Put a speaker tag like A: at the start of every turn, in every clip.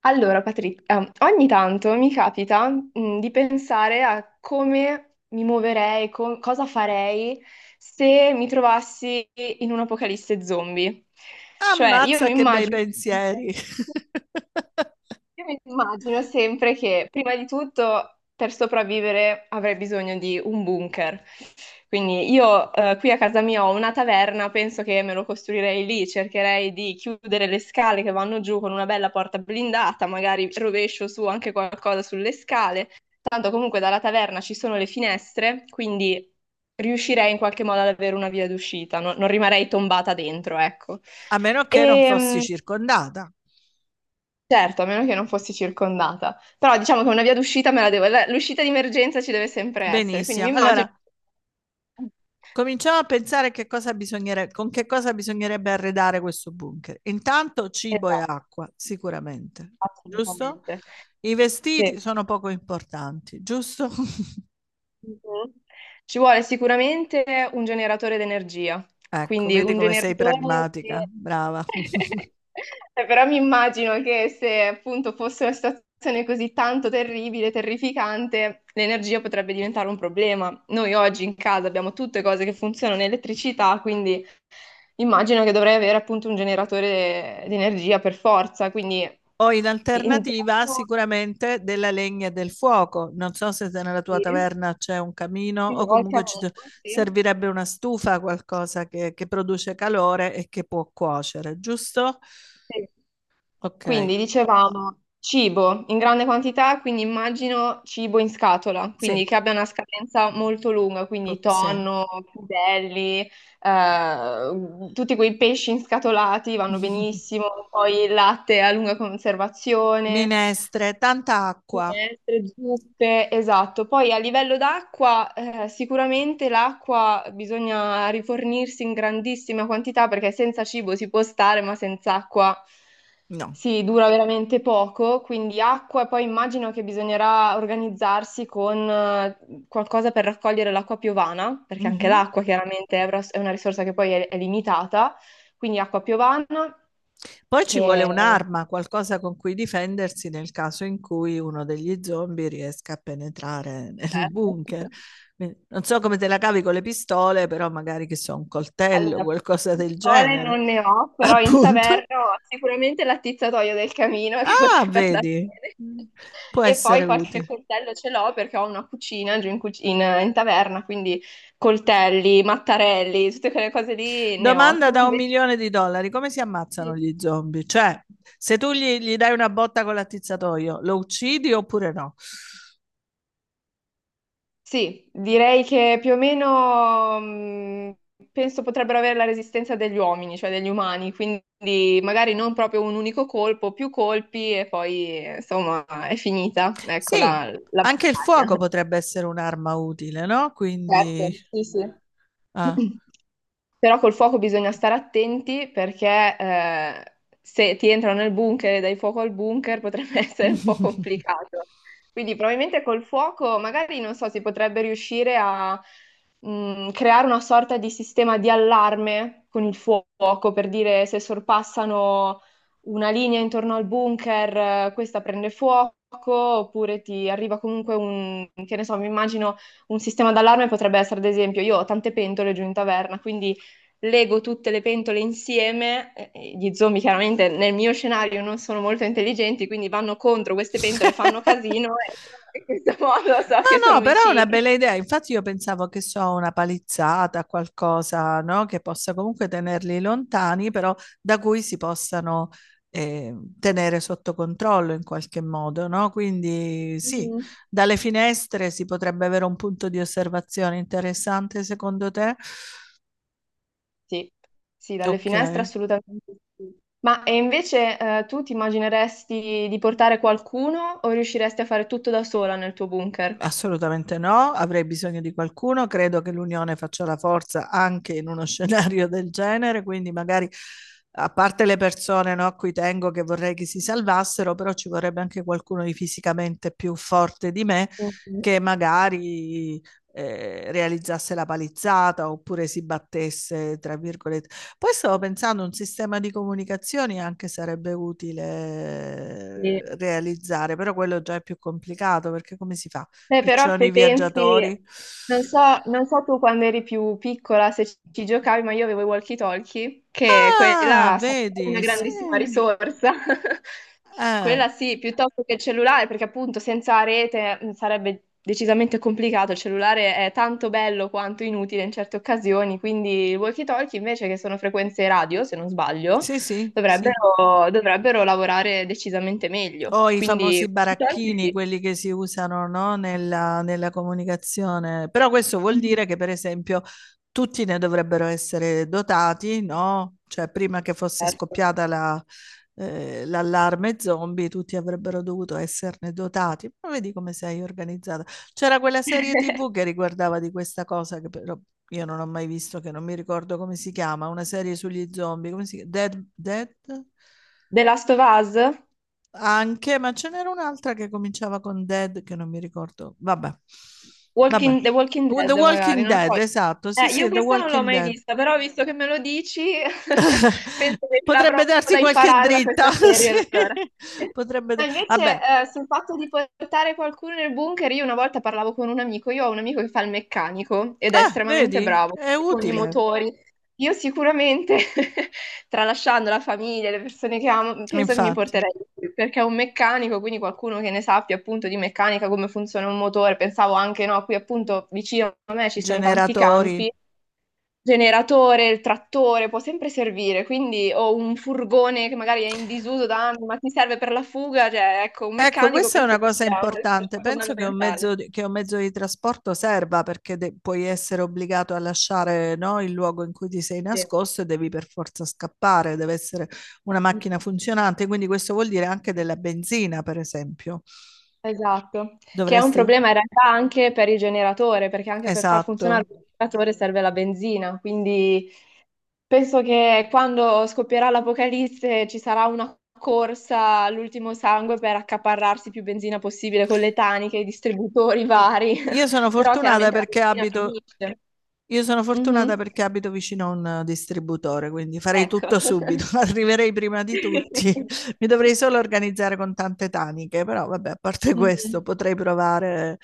A: Allora, Patrizia, ogni tanto mi capita, di pensare a come mi muoverei, cosa farei se mi trovassi in un'apocalisse zombie. Cioè, io
B: Ammazza
A: mi
B: che bei
A: immagino...
B: pensieri,
A: Io mi immagino sempre che prima di tutto per sopravvivere avrei bisogno di un bunker. Quindi io qui a casa mia ho una taverna, penso che me lo costruirei lì, cercherei di chiudere le scale che vanno giù con una bella porta blindata, magari rovescio su anche qualcosa sulle scale. Tanto comunque dalla taverna ci sono le finestre, quindi riuscirei in qualche modo ad avere una via d'uscita, non rimarei tombata dentro, ecco.
B: a meno che non fossi
A: Ehm,
B: circondata.
A: Certo, a meno che non fossi circondata. Però diciamo che una via d'uscita me la devo... L'uscita di emergenza ci deve sempre essere, quindi mi
B: Benissimo.
A: immagino...
B: Allora, cominciamo a pensare che cosa con che cosa bisognerebbe arredare questo bunker. Intanto cibo e
A: Esatto,
B: acqua, sicuramente, giusto?
A: assolutamente.
B: I
A: Sì.
B: vestiti sono poco importanti, giusto?
A: Mhm. Ci vuole sicuramente un generatore d'energia,
B: Ecco,
A: quindi
B: vedi
A: un
B: come sei
A: generatore
B: pragmatica,
A: che...
B: brava.
A: Però mi immagino che se appunto fosse una situazione così tanto terribile, terrificante, l'energia potrebbe diventare un problema. Noi oggi in casa abbiamo tutte cose che funzionano in elettricità, quindi... Immagino che dovrei avere appunto un generatore di energia per forza, quindi
B: O in alternativa
A: interno
B: sicuramente della legna e del fuoco. Non so se nella tua
A: sì,
B: taverna c'è un camino
A: sì,
B: o
A: ho il
B: comunque
A: camino, sì.
B: servirebbe una stufa, qualcosa che produce calore e che può cuocere, giusto?
A: Sì.
B: Ok,
A: Quindi dicevamo cibo in grande quantità, quindi immagino cibo in scatola, quindi
B: sì,
A: che abbia una scadenza molto lunga, quindi
B: sì.
A: tonno, crudelli, tutti quei pesci inscatolati vanno benissimo, poi il latte a lunga conservazione.
B: Minestre, tanta acqua.
A: Minestre, zuppe, esatto. Poi a livello d'acqua, sicuramente l'acqua bisogna rifornirsi in grandissima quantità perché senza cibo si può stare, ma senza acqua
B: No.
A: si dura veramente poco. Quindi acqua, e poi immagino che bisognerà organizzarsi con qualcosa per raccogliere l'acqua piovana, perché anche
B: Mhm.
A: l'acqua chiaramente è una risorsa che poi è limitata. Quindi acqua piovana
B: Poi ci vuole
A: e...
B: un'arma, qualcosa con cui difendersi nel caso in cui uno degli zombie riesca a penetrare nel
A: Certo.
B: bunker. Quindi, non so come te la cavi con le pistole, però magari che so, un coltello,
A: Allora,
B: qualcosa del
A: pistole
B: genere.
A: non ne ho, però in
B: Appunto.
A: taverna ho sicuramente l'attizzatoio del camino che
B: Ah,
A: potrebbe andare
B: vedi,
A: bene.
B: può
A: E
B: essere
A: poi qualche
B: utile.
A: coltello ce l'ho perché ho una cucina giù in, in taverna, quindi coltelli, mattarelli, tutte quelle cose lì ne ho.
B: Domanda
A: Tu
B: da un
A: invece?
B: milione di dollari: come si ammazzano gli zombie? Cioè, se tu gli dai una botta con l'attizzatoio, lo uccidi oppure no?
A: Sì, direi che più o meno penso potrebbero avere la resistenza degli uomini, cioè degli umani, quindi magari non proprio un unico colpo, più colpi e poi insomma è finita, ecco
B: Sì,
A: la, la
B: anche il
A: battaglia.
B: fuoco potrebbe essere un'arma utile, no?
A: Certo,
B: Quindi...
A: sì, sì.
B: ah.
A: Però col fuoco bisogna stare attenti perché se ti entrano nel bunker e dai fuoco al bunker potrebbe essere un po' complicato. Quindi probabilmente col fuoco magari non so, si potrebbe riuscire a creare una sorta di sistema di allarme con il fuoco per dire se sorpassano una linea intorno al bunker, questa prende fuoco oppure ti arriva comunque un, che ne so, mi immagino un sistema d'allarme potrebbe essere, ad esempio, io ho tante pentole giù in taverna, quindi lego tutte le pentole insieme. Gli zombie chiaramente nel mio scenario non sono molto intelligenti, quindi vanno contro queste pentole, fanno casino e io in questo modo so che
B: No,
A: sono
B: no, però è una
A: vicini.
B: bella idea. Infatti io pensavo che so, una palizzata, qualcosa, no? Che possa comunque tenerli lontani, però da cui si possano eh, tenere sotto controllo in qualche modo, no? Quindi sì,
A: Mhm.
B: dalle finestre si potrebbe avere un punto di osservazione interessante, secondo te?
A: Sì, sì, dalle
B: Ok.
A: finestre assolutamente sì. Ma e invece tu ti immagineresti di portare qualcuno o riusciresti a fare tutto da sola nel tuo bunker?
B: Assolutamente no, avrei bisogno di qualcuno, credo che l'unione faccia la forza anche in uno scenario del genere, quindi magari a parte le persone no, a cui tengo che vorrei che si salvassero, però ci vorrebbe anche qualcuno di fisicamente più forte di me
A: Mhm.
B: che magari realizzasse la palizzata oppure si battesse, tra virgolette. Poi stavo pensando un sistema di comunicazioni anche sarebbe utile
A: Sì.
B: realizzare, però quello già è più complicato perché come si fa?
A: Beh, però
B: Piccioni
A: se pensi,
B: viaggiatori.
A: non so, non so tu quando eri più piccola se ci giocavi, ma io avevo i walkie-talkie, che
B: Ah,
A: quella sarebbe una
B: vedi,
A: grandissima
B: sì.
A: risorsa.
B: Eh,
A: Quella sì, piuttosto che il cellulare, perché appunto senza rete sarebbe decisamente complicato. Il cellulare è tanto bello quanto inutile in certe occasioni, quindi i walkie-talkie invece che sono frequenze radio, se non sbaglio,
B: sì, sì, sì.
A: dovrebbero lavorare decisamente meglio.
B: O i
A: Quindi,
B: famosi
A: walkie-talkie
B: baracchini,
A: sì.
B: quelli che si usano, no, nella comunicazione. Però questo vuol
A: Mhm.
B: dire che, per esempio, tutti ne dovrebbero essere dotati, no? Cioè, prima che fosse
A: Certo.
B: scoppiata l'allarme zombie, tutti avrebbero dovuto esserne dotati. Ma vedi come sei organizzata. C'era quella serie TV che riguardava di questa cosa, che però io non ho mai visto, che non mi ricordo come si chiama, una serie sugli zombie, come si chiama? Dead, Dead?
A: The Last of Us?
B: Anche, ma ce n'era un'altra che cominciava con Dead che non mi ricordo. Vabbè, vabbè.
A: Walking, The Walking
B: The
A: Dead, magari,
B: Walking
A: non lo
B: Dead,
A: so.
B: esatto. Sì,
A: Io
B: sì, The
A: questa non l'ho
B: Walking
A: mai
B: Dead.
A: vista, però visto che me lo dici, penso che avrò
B: Potrebbe darsi
A: da
B: qualche
A: imparare da
B: dritta.
A: questa
B: Sì.
A: serie allora. Ma invece,
B: Vabbè,
A: sul fatto di portare qualcuno nel bunker, io una volta parlavo con un amico, io ho un amico che fa il meccanico ed è
B: ah,
A: estremamente
B: vedi?
A: bravo
B: È
A: con i
B: utile,
A: motori. Io sicuramente, tralasciando la famiglia, le persone che amo, penso che mi
B: infatti.
A: porterei lui, perché è un meccanico, quindi qualcuno che ne sappia appunto di meccanica, come funziona un motore. Pensavo anche, no, qui appunto vicino a me ci sono tanti campi
B: Generatori.
A: generatore, il trattore può sempre servire, quindi o un furgone che magari è in disuso da anni, ma ti serve per la fuga, cioè ecco, un
B: Ecco,
A: meccanico
B: questa è
A: penso
B: una
A: che
B: cosa
A: sia una
B: importante.
A: risorsa
B: Penso che un
A: fondamentale.
B: mezzo di, che un mezzo di trasporto serva perché puoi essere obbligato a lasciare, no, il luogo in cui ti sei
A: Sì.
B: nascosto e devi per forza scappare. Deve essere una macchina
A: Mm.
B: funzionante. Quindi questo vuol dire anche della benzina, per esempio.
A: Esatto, che è un
B: Dovresti...
A: problema in realtà anche per il generatore, perché anche per far
B: Esatto.
A: funzionare il generatore serve la benzina, quindi penso che quando scoppierà l'apocalisse ci sarà una corsa all'ultimo sangue per accaparrarsi più benzina possibile con le taniche, i distributori
B: I-
A: vari,
B: Io sono
A: però
B: fortunata
A: chiaramente la
B: perché
A: benzina
B: abito.
A: finisce.
B: Io sono fortunata
A: Mhm.
B: perché abito vicino a un distributore, quindi farei
A: Ecco.
B: tutto subito, arriverei prima di tutti. Mi dovrei solo organizzare con tante taniche, però vabbè, a parte questo
A: Mhm.
B: potrei provare.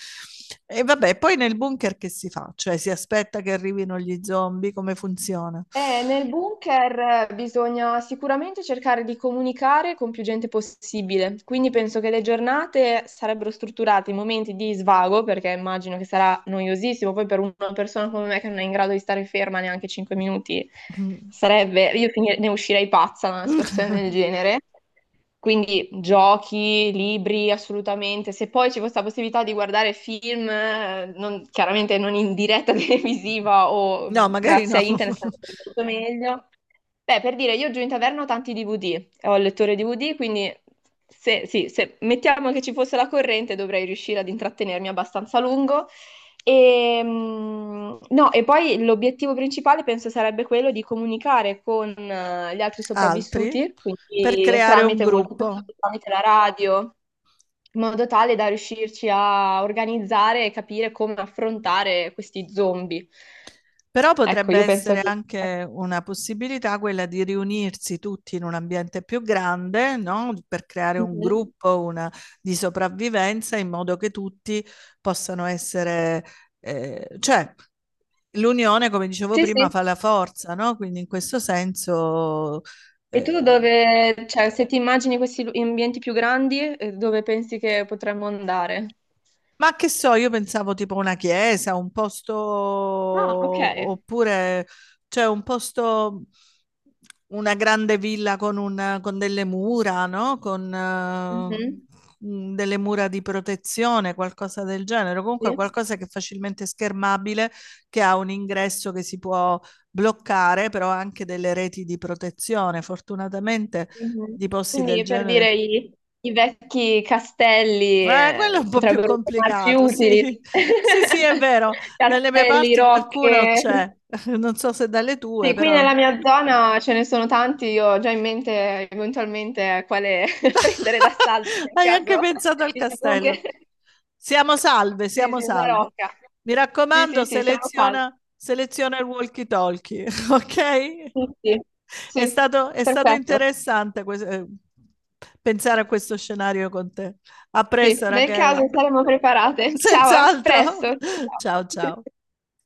B: Eh. E vabbè, poi nel bunker che si fa? Cioè si aspetta che arrivino gli zombie, come funziona?
A: Nel bunker bisogna sicuramente cercare di comunicare con più gente possibile, quindi penso che le giornate sarebbero strutturate in momenti di svago, perché immagino che sarà noiosissimo, poi per una persona come me che non è in grado di stare ferma neanche 5 minuti,
B: Mm.
A: sarebbe, ne uscirei pazza da una situazione del genere. Quindi giochi, libri, assolutamente. Se poi ci fosse la possibilità di guardare film, chiaramente non in diretta televisiva o
B: No, magari no.
A: grazie a internet, sarebbe molto meglio. Beh, per dire, io giù in taverna ho tanti DVD, ho il lettore DVD, quindi se, sì, se mettiamo che ci fosse la corrente dovrei riuscire ad intrattenermi abbastanza a lungo. E, no, e poi l'obiettivo principale penso sarebbe quello di comunicare con gli altri
B: Altri?
A: sopravvissuti,
B: Per
A: quindi
B: creare un
A: tramite voltatoio,
B: gruppo.
A: tramite la radio, in modo tale da riuscirci a organizzare e capire come affrontare questi zombie.
B: Però
A: Ecco,
B: potrebbe
A: io penso
B: essere
A: che...
B: anche una possibilità quella di riunirsi tutti in un ambiente più grande, no? Per creare un
A: Mhm.
B: gruppo, una di sopravvivenza in modo che tutti possano essere, cioè l'unione, come dicevo
A: Sì,
B: prima,
A: sì.
B: fa la forza, no? Quindi in questo senso,
A: E tu
B: eh,
A: dove, cioè, se ti immagini questi ambienti più grandi, dove pensi che potremmo andare?
B: Ma che so, io pensavo tipo una chiesa, un posto,
A: Ah, ok.
B: oppure cioè un posto, una grande villa con, con delle mura, no? Con
A: Mhm.
B: delle mura di protezione, qualcosa del genere. Comunque
A: Sì.
B: qualcosa che è facilmente schermabile, che ha un ingresso che si può bloccare, però ha anche delle reti di protezione. Fortunatamente
A: Mhm.
B: di posti del
A: Quindi per dire
B: genere.
A: i, i vecchi castelli
B: Quello è un po' più
A: potrebbero tornarci
B: complicato, sì.
A: utili.
B: Sì, sì, è vero. Dalle mie
A: Castelli,
B: parti qualcuno
A: rocche.
B: c'è. Non so se dalle tue,
A: Sì, qui
B: però
A: nella mia zona ce ne sono tanti, io ho già in mente eventualmente quale prendere d'assalto nel
B: hai anche
A: caso
B: pensato al
A: il bunker.
B: castello. Siamo salve,
A: Sì,
B: siamo
A: sì, una
B: salve.
A: rocca.
B: Mi
A: Sì,
B: raccomando,
A: sì, sì, siamo salvi.
B: seleziona, seleziona il walkie-talkie, ok?
A: Sì, sì,
B: È
A: sì,
B: stato, è stato
A: perfetto.
B: interessante pensare a questo scenario con te. A
A: Sì,
B: presto,
A: nel caso
B: Rachele.
A: saremo preparate. Ciao, a
B: Senz'altro.
A: presto. Ciao.
B: Ciao, ciao.